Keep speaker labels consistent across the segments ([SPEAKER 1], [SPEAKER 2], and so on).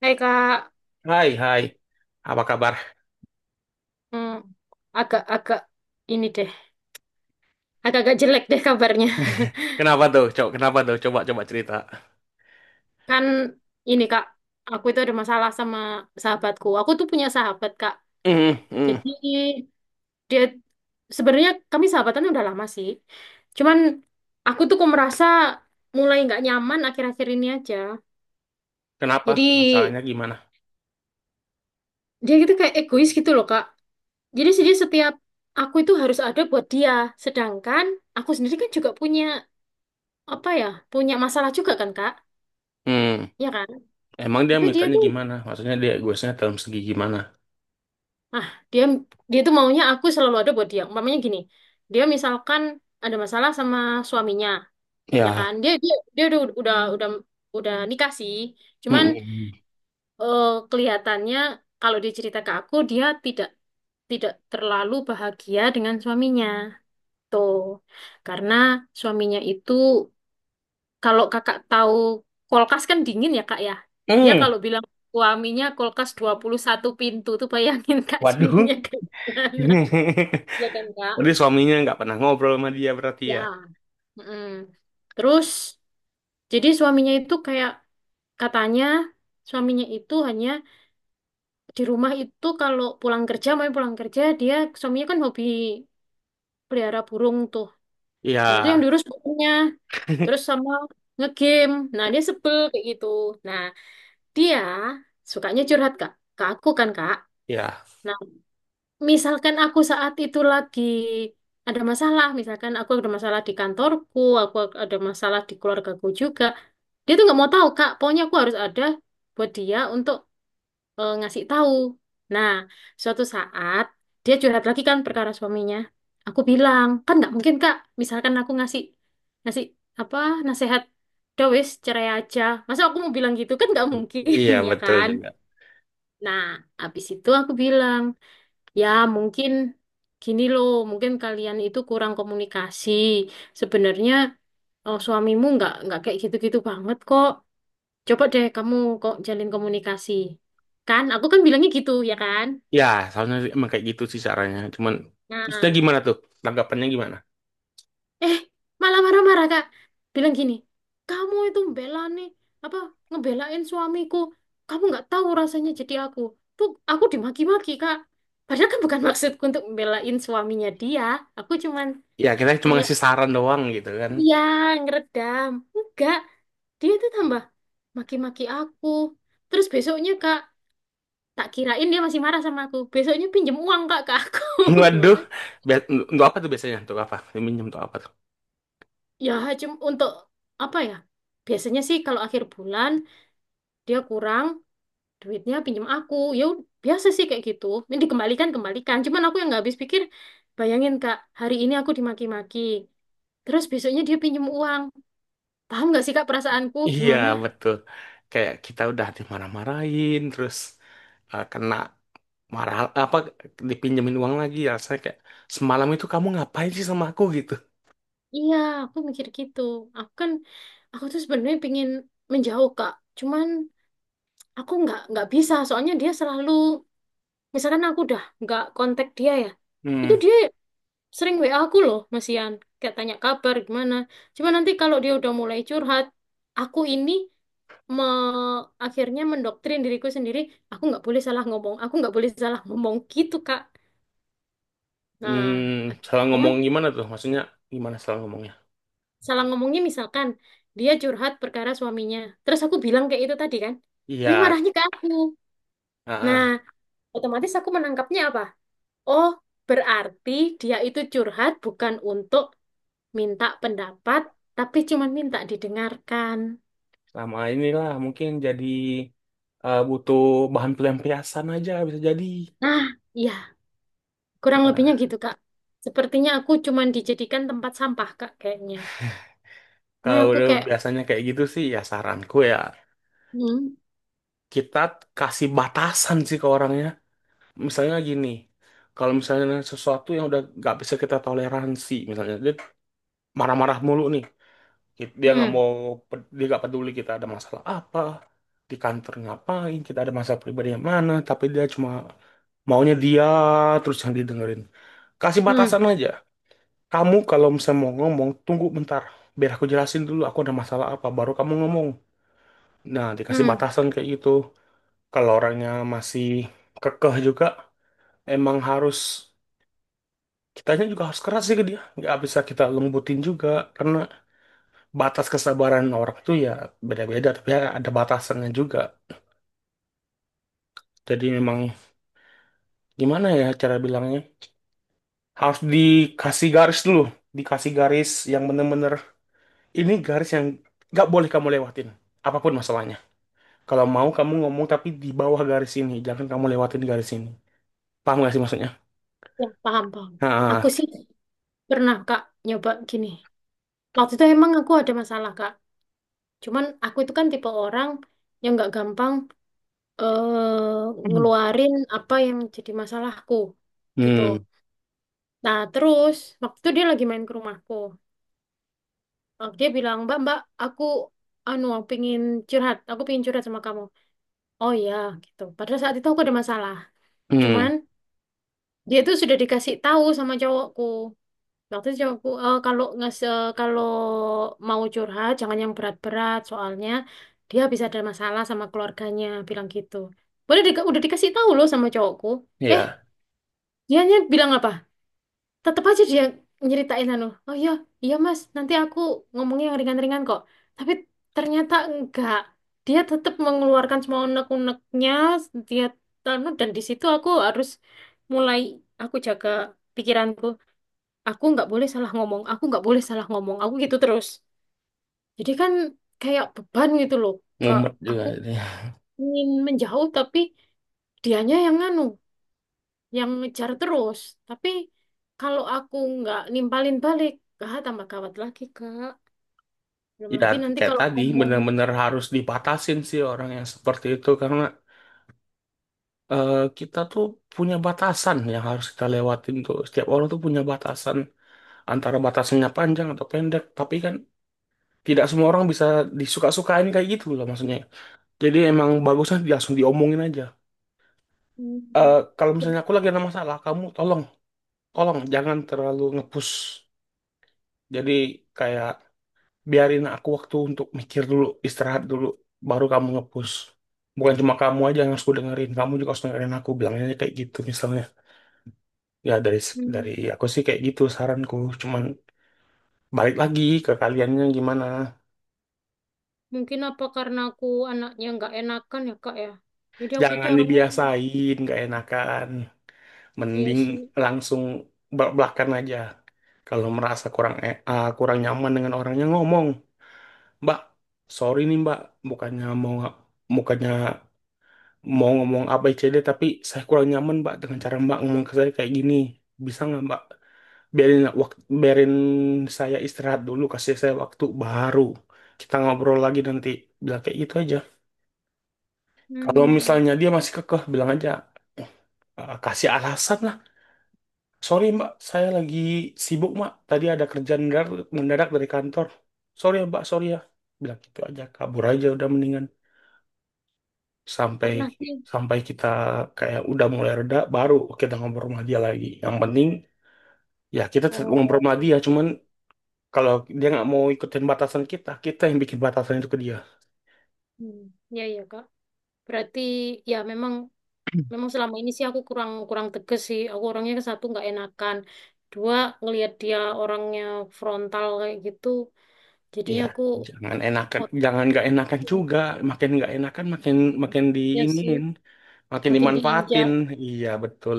[SPEAKER 1] Hei kak.
[SPEAKER 2] Hai, hai. Apa kabar?
[SPEAKER 1] Hmm, agak-agak ini deh, agak-agak jelek deh kabarnya.
[SPEAKER 2] Kenapa tuh, Cok? Kenapa tuh? Coba, coba cerita.
[SPEAKER 1] Kan ini kak, aku itu ada masalah sama sahabatku. Aku tuh punya sahabat kak.
[SPEAKER 2] Hmm, hmm.
[SPEAKER 1] Jadi dia sebenarnya kami sahabatan udah lama sih. Cuman aku tuh kok merasa mulai nggak nyaman akhir-akhir ini aja.
[SPEAKER 2] Kenapa?
[SPEAKER 1] Jadi
[SPEAKER 2] Masalahnya gimana?
[SPEAKER 1] dia gitu kayak egois gitu loh kak. Jadi sih dia setiap aku itu harus ada buat dia. Sedangkan aku sendiri kan juga punya apa ya, punya masalah juga kan kak.
[SPEAKER 2] Hmm,
[SPEAKER 1] Iya kan?
[SPEAKER 2] emang dia
[SPEAKER 1] Tapi dia
[SPEAKER 2] mintanya
[SPEAKER 1] tuh,
[SPEAKER 2] gimana? Maksudnya dia egoisnya dalam segi gimana?
[SPEAKER 1] ah, dia dia tuh maunya aku selalu ada buat dia. Umpamanya gini, dia misalkan ada masalah sama suaminya, ya kan?
[SPEAKER 2] Ya,
[SPEAKER 1] Dia dia dia udah nikah sih. Cuman
[SPEAKER 2] hmm. Hmm,
[SPEAKER 1] eh, kelihatannya kalau dia cerita ke aku, dia tidak tidak terlalu bahagia dengan suaminya. Tuh, karena suaminya itu kalau kakak tahu kulkas kan dingin ya kak ya. Dia
[SPEAKER 2] hmm,
[SPEAKER 1] kalau bilang suaminya kulkas 21 pintu tuh bayangin kak
[SPEAKER 2] waduh.
[SPEAKER 1] dinginnya kayak gimana. Ya kan kak?
[SPEAKER 2] Jadi suaminya nggak pernah ngobrol sama dia berarti ya?
[SPEAKER 1] Ya. Mm-mm. Terus jadi suaminya itu kayak katanya suaminya itu hanya di rumah itu, mau pulang kerja dia suaminya kan hobi pelihara burung tuh. Nah itu yang
[SPEAKER 2] Ya,
[SPEAKER 1] diurus burungnya. Terus sama ngegame. Nah dia sebel kayak gitu. Nah, dia sukanya curhat Kak, ke aku kan Kak.
[SPEAKER 2] ya.
[SPEAKER 1] Nah, misalkan aku saat itu lagi ada masalah, misalkan aku ada masalah di kantorku, aku ada masalah di keluargaku juga, dia tuh nggak mau tahu Kak. Pokoknya aku harus ada buat dia untuk ngasih tahu. Nah, suatu saat dia curhat lagi kan perkara suaminya. Aku bilang kan nggak mungkin Kak. Misalkan aku ngasih ngasih apa nasihat, udah wis cerai aja. Masa aku mau bilang gitu kan nggak mungkin,
[SPEAKER 2] Iya,
[SPEAKER 1] ya
[SPEAKER 2] betul
[SPEAKER 1] kan?
[SPEAKER 2] juga.
[SPEAKER 1] Nah, habis itu aku bilang, ya mungkin gini loh, mungkin kalian itu kurang komunikasi. Sebenarnya suamimu nggak kayak gitu-gitu banget kok. Coba deh kamu kok jalin komunikasi. Kan, aku kan bilangnya gitu, ya kan?
[SPEAKER 2] Ya, soalnya emang kayak gitu sih caranya. Cuman, terusnya
[SPEAKER 1] Nah,
[SPEAKER 2] gimana tuh? Tanggapannya gimana?
[SPEAKER 1] eh malah marah-marah kak, bilang gini, kamu itu membela nih apa ngebelain suamiku, kamu nggak tahu rasanya jadi aku, tuh aku dimaki-maki kak, padahal kan bukan maksudku untuk membelain suaminya, dia aku cuman
[SPEAKER 2] Ya, kita cuma
[SPEAKER 1] kayak
[SPEAKER 2] ngasih saran doang gitu kan.
[SPEAKER 1] iya ngeredam enggak, dia tuh tambah maki-maki aku. Terus besoknya kak, tak kirain dia masih marah sama aku, besoknya pinjem uang kak ke aku.
[SPEAKER 2] Waduh,
[SPEAKER 1] Gimana
[SPEAKER 2] Bia- untuk apa tuh biasanya? Untuk apa? Minjem untuk apa tuh?
[SPEAKER 1] ya, cuma untuk apa ya, biasanya sih kalau akhir bulan dia kurang duitnya pinjam aku, ya biasa sih kayak gitu, ini dikembalikan. Cuman aku yang nggak habis pikir, bayangin kak hari ini aku dimaki-maki, terus besoknya dia pinjam uang. Paham nggak sih kak perasaanku
[SPEAKER 2] Iya,
[SPEAKER 1] gimana?
[SPEAKER 2] betul. Kayak kita udah dimarah-marahin, terus kena marah apa dipinjemin uang lagi. Rasanya kayak semalam itu kamu ngapain sih sama aku gitu.
[SPEAKER 1] Iya, aku mikir gitu. aku kan aku tuh sebenarnya pingin menjauh kak, cuman aku nggak bisa soalnya dia selalu, misalkan aku udah nggak kontak dia ya, itu
[SPEAKER 2] Hmm,
[SPEAKER 1] dia sering WA aku loh Mas Ian, kayak tanya kabar gimana. Cuma nanti kalau dia udah mulai curhat, aku ini me akhirnya mendoktrin diriku sendiri, aku nggak boleh salah ngomong, aku nggak boleh salah ngomong gitu Kak. Nah
[SPEAKER 2] hmm, salah
[SPEAKER 1] akhirnya,
[SPEAKER 2] ngomong gimana tuh? Maksudnya gimana salah ngomongnya?
[SPEAKER 1] salah ngomongnya misalkan dia curhat perkara suaminya terus aku bilang kayak itu tadi kan, dia
[SPEAKER 2] Iya,
[SPEAKER 1] marahnya ke aku.
[SPEAKER 2] ah,
[SPEAKER 1] Nah
[SPEAKER 2] ah,
[SPEAKER 1] otomatis aku menangkapnya apa, oh berarti dia itu curhat bukan untuk minta pendapat, tapi cuma minta didengarkan.
[SPEAKER 2] sama inilah mungkin jadi butuh bahan pelampiasan aja bisa jadi.
[SPEAKER 1] Nah, ya, kurang lebihnya
[SPEAKER 2] Nah,
[SPEAKER 1] gitu, Kak. Sepertinya aku cuma dijadikan tempat sampah, Kak, kayaknya. Nah,
[SPEAKER 2] kalau
[SPEAKER 1] aku
[SPEAKER 2] udah
[SPEAKER 1] kayak,
[SPEAKER 2] biasanya kayak gitu sih, ya saranku ya
[SPEAKER 1] hmm.
[SPEAKER 2] kita kasih batasan sih ke orangnya. Misalnya gini, kalau misalnya sesuatu yang udah nggak bisa kita toleransi, misalnya dia marah-marah mulu nih, dia nggak
[SPEAKER 1] Hmm.
[SPEAKER 2] mau, dia nggak peduli kita ada masalah apa, di kantor ngapain, kita ada masalah pribadi yang mana, tapi dia cuma maunya dia terus yang didengerin. Kasih
[SPEAKER 1] Hmm.
[SPEAKER 2] batasan aja. Kamu kalau misalnya mau ngomong, tunggu bentar. Biar aku jelasin dulu aku ada masalah apa, baru kamu ngomong. Nah, dikasih
[SPEAKER 1] Hmm.
[SPEAKER 2] batasan kayak gitu. Kalau orangnya masih kekeh juga, emang harus kitanya juga harus keras sih ke dia, nggak bisa kita lembutin juga, karena batas kesabaran orang itu ya beda-beda, tapi ya ada batasannya juga. Jadi memang gimana ya cara bilangnya, harus dikasih garis dulu, dikasih garis yang bener-bener. Ini garis yang nggak boleh kamu lewatin apapun masalahnya. Kalau mau kamu ngomong tapi di bawah garis ini, jangan kamu lewatin garis ini. Paham gak sih maksudnya?
[SPEAKER 1] Ya, paham, paham. Aku
[SPEAKER 2] Nah.
[SPEAKER 1] sih pernah, Kak, nyoba gini. Waktu itu emang aku ada masalah, Kak. Cuman aku itu kan tipe orang yang nggak gampang
[SPEAKER 2] Hmm,
[SPEAKER 1] ngeluarin apa yang jadi masalahku, gitu.
[SPEAKER 2] hmm,
[SPEAKER 1] Nah, terus waktu itu dia lagi main ke rumahku. Eh, dia bilang, Mbak, Mbak, aku anu pingin curhat, aku pingin curhat sama kamu. Oh ya, gitu. Padahal saat itu aku ada masalah. Cuman
[SPEAKER 2] hmm,
[SPEAKER 1] dia itu sudah dikasih tahu sama cowokku. Waktu itu cowokku, "Eh, kalau kalau mau curhat jangan yang berat-berat, soalnya dia bisa ada masalah sama keluarganya," bilang gitu. Udah, udah dikasih tahu loh sama cowokku. Eh,
[SPEAKER 2] ya.
[SPEAKER 1] dianya bilang apa? Tetap aja dia nyeritain anu, oh iya, iya mas, nanti aku ngomongnya yang ringan-ringan kok. Tapi ternyata enggak, dia tetap mengeluarkan semua unek-uneknya. Dia anu, dan di situ aku harus mulai, aku jaga pikiranku, aku nggak boleh salah ngomong, aku nggak boleh salah ngomong aku gitu terus. Jadi kan kayak beban gitu loh kak.
[SPEAKER 2] Mumet juga
[SPEAKER 1] Aku
[SPEAKER 2] ini.
[SPEAKER 1] ingin menjauh tapi dianya yang anu, yang ngejar terus. Tapi kalau aku nggak nimpalin balik, ah, tambah gawat lagi, Kak. Belum
[SPEAKER 2] Ya
[SPEAKER 1] lagi nanti
[SPEAKER 2] kayak
[SPEAKER 1] kalau
[SPEAKER 2] tadi
[SPEAKER 1] ngomong,
[SPEAKER 2] bener-bener harus dibatasin sih orang yang seperti itu, karena kita tuh punya batasan yang harus kita lewatin tuh. Setiap orang tuh punya batasan, antara batasannya panjang atau pendek. Tapi kan tidak semua orang bisa disuka-sukain kayak gitu loh maksudnya. Jadi emang bagusnya langsung diomongin aja. Eh,
[SPEAKER 1] hmm.
[SPEAKER 2] kalau misalnya aku lagi ada masalah, kamu tolong, tolong jangan terlalu ngepush. Jadi kayak biarin aku waktu untuk mikir dulu, istirahat dulu, baru kamu ngepush. Bukan cuma kamu aja yang harus ku dengerin, kamu juga harus dengerin aku, bilangnya kayak gitu misalnya. Ya dari
[SPEAKER 1] Hmm.
[SPEAKER 2] aku sih kayak gitu saranku, cuman balik lagi ke kaliannya gimana.
[SPEAKER 1] Mungkin apa karena aku anaknya nggak enakan ya, Kak, ya. Jadi aku itu
[SPEAKER 2] Jangan
[SPEAKER 1] orangnya,
[SPEAKER 2] dibiasain, gak enakan.
[SPEAKER 1] iya
[SPEAKER 2] Mending
[SPEAKER 1] sih.
[SPEAKER 2] langsung belak-belakan aja. Kalau merasa kurang kurang nyaman dengan orangnya, ngomong, Mbak, sorry nih Mbak, bukannya mau bukannya mau ngomong ABCD tapi saya kurang nyaman Mbak dengan cara Mbak ngomong ke saya kayak gini. Bisa nggak Mbak biarin waktu, biarin saya istirahat dulu, kasih saya waktu baru kita ngobrol lagi nanti. Bilang kayak gitu aja. Kalau
[SPEAKER 1] Hmm,
[SPEAKER 2] misalnya dia masih kekeh, bilang aja, "Eh, kasih alasan lah. Sorry Mbak, saya lagi sibuk Mbak. Tadi ada kerjaan mendadak, mendadak dari kantor. Sorry ya Mbak, sorry ya." Bilang gitu aja, kabur aja udah mendingan. Sampai
[SPEAKER 1] pernah sih.
[SPEAKER 2] sampai kita kayak udah mulai reda baru kita ngobrol sama dia lagi, yang penting ya kita tetap
[SPEAKER 1] Oh,
[SPEAKER 2] ngobrol sama dia,
[SPEAKER 1] oke.
[SPEAKER 2] cuman kalau dia nggak mau ikutin batasan kita kita yang bikin batasan itu ke dia.
[SPEAKER 1] Hmm, ya, ya, Kak. Berarti, ya memang, memang selama ini sih aku kurang kurang tegas sih. Aku orangnya satu nggak enakan. Dua, ngelihat dia orangnya frontal kayak gitu. Jadi
[SPEAKER 2] Iya,
[SPEAKER 1] aku
[SPEAKER 2] jangan enakan, jangan nggak enakan
[SPEAKER 1] otaknya
[SPEAKER 2] juga, makin nggak enakan makin makin
[SPEAKER 1] sih
[SPEAKER 2] diinin, makin
[SPEAKER 1] makin
[SPEAKER 2] dimanfaatin.
[SPEAKER 1] diinjak.
[SPEAKER 2] Iya betul.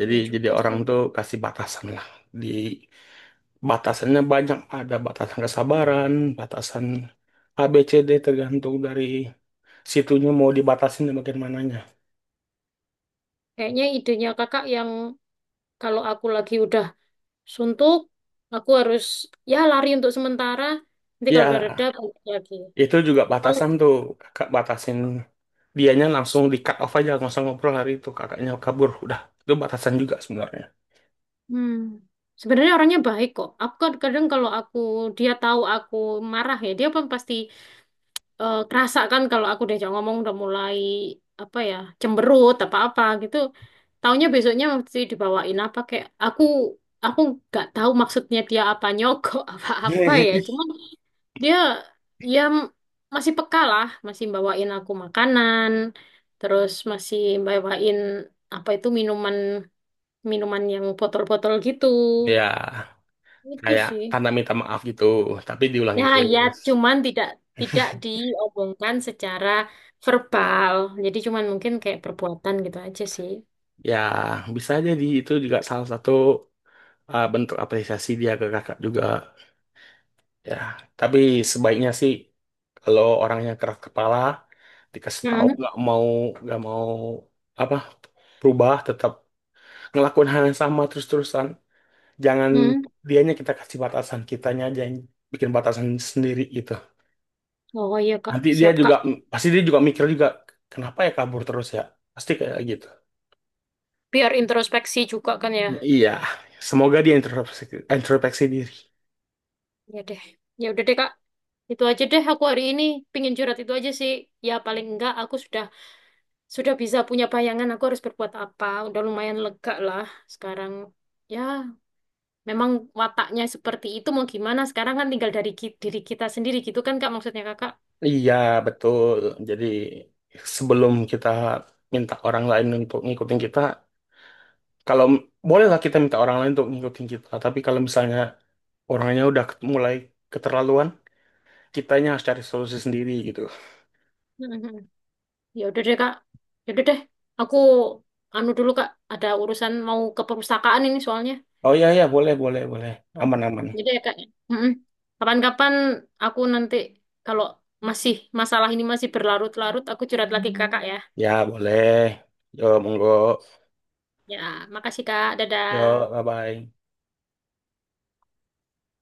[SPEAKER 2] Jadi
[SPEAKER 1] Ya
[SPEAKER 2] jadi
[SPEAKER 1] juga
[SPEAKER 2] orang
[SPEAKER 1] sih.
[SPEAKER 2] tuh kasih batasan lah di. Batasannya banyak, ada batasan kesabaran, batasan ABCD, tergantung dari situnya mau dibatasin dan bagaimananya.
[SPEAKER 1] Kayaknya idenya kakak yang, kalau aku lagi udah suntuk, aku harus ya lari untuk sementara. Nanti kalau udah reda
[SPEAKER 2] Ya,
[SPEAKER 1] balik lagi.
[SPEAKER 2] itu juga
[SPEAKER 1] Kalau
[SPEAKER 2] batasan tuh, kakak batasin, dianya langsung di cut off aja, nggak usah ngobrol hari itu, kakaknya kabur, udah. Itu batasan juga sebenarnya.
[SPEAKER 1] hmm, sebenarnya orangnya baik kok. Aku kan kadang kalau aku, dia tahu aku marah ya, dia pun pasti kerasa kan kalau aku diajak ngomong udah mulai apa ya, cemberut apa apa gitu. Taunya besoknya mesti dibawain apa, kayak aku nggak tahu maksudnya dia apa nyogok apa-apa ya. Cuman dia ya masih peka lah, masih bawain aku makanan, terus masih bawain apa itu minuman, minuman yang botol-botol gitu.
[SPEAKER 2] Ya,
[SPEAKER 1] Itu
[SPEAKER 2] kayak
[SPEAKER 1] sih.
[SPEAKER 2] tanda minta maaf gitu, tapi
[SPEAKER 1] Ya,
[SPEAKER 2] diulangin
[SPEAKER 1] ya,
[SPEAKER 2] terus.
[SPEAKER 1] cuman tidak tidak diomongkan secara verbal. Jadi cuman mungkin kayak perbuatan gitu aja sih.
[SPEAKER 2] Ya, bisa jadi itu juga salah satu bentuk apresiasi dia ke kakak juga. Ya, tapi sebaiknya sih kalau orangnya keras kepala, dikasih tahu
[SPEAKER 1] Hmm.
[SPEAKER 2] nggak mau apa berubah, tetap ngelakuin hal yang sama terus-terusan. Jangan
[SPEAKER 1] Hmm.
[SPEAKER 2] dianya kita kasih batasan, kitanya aja yang bikin batasan sendiri gitu.
[SPEAKER 1] Oh iya Kak,
[SPEAKER 2] Nanti dia
[SPEAKER 1] siap
[SPEAKER 2] juga
[SPEAKER 1] Kak.
[SPEAKER 2] pasti dia juga mikir juga, kenapa ya kabur terus ya? Pasti kayak gitu.
[SPEAKER 1] Biar introspeksi juga kan ya.
[SPEAKER 2] Ya, iya, semoga dia introspeksi, introspeksi diri.
[SPEAKER 1] Ya deh, ya udah deh kak, itu aja deh, aku hari ini pingin curhat itu aja sih. Ya paling enggak aku sudah bisa punya bayangan aku harus berbuat apa, udah lumayan lega lah sekarang. Ya memang wataknya seperti itu, mau gimana, sekarang kan tinggal dari diri kita sendiri gitu kan kak, maksudnya kakak.
[SPEAKER 2] Iya, betul. Jadi sebelum kita minta orang lain untuk ngikutin kita, kalau bolehlah kita minta orang lain untuk ngikutin kita, tapi kalau misalnya orangnya udah mulai keterlaluan, kitanya harus cari solusi sendiri gitu.
[SPEAKER 1] Mhm. Ya udah deh kak, ya udah deh, aku anu dulu kak, ada urusan mau ke perpustakaan ini soalnya.
[SPEAKER 2] Oh iya iya boleh boleh boleh. Aman aman.
[SPEAKER 1] Jadi ya kak. Ya? Mm-mm. Kapan-kapan aku nanti kalau masih masalah ini masih berlarut-larut, aku curhat lagi ke kakak ya.
[SPEAKER 2] Ya boleh. Yo monggo.
[SPEAKER 1] Ya, makasih kak. Dadah.
[SPEAKER 2] Yo bye bye.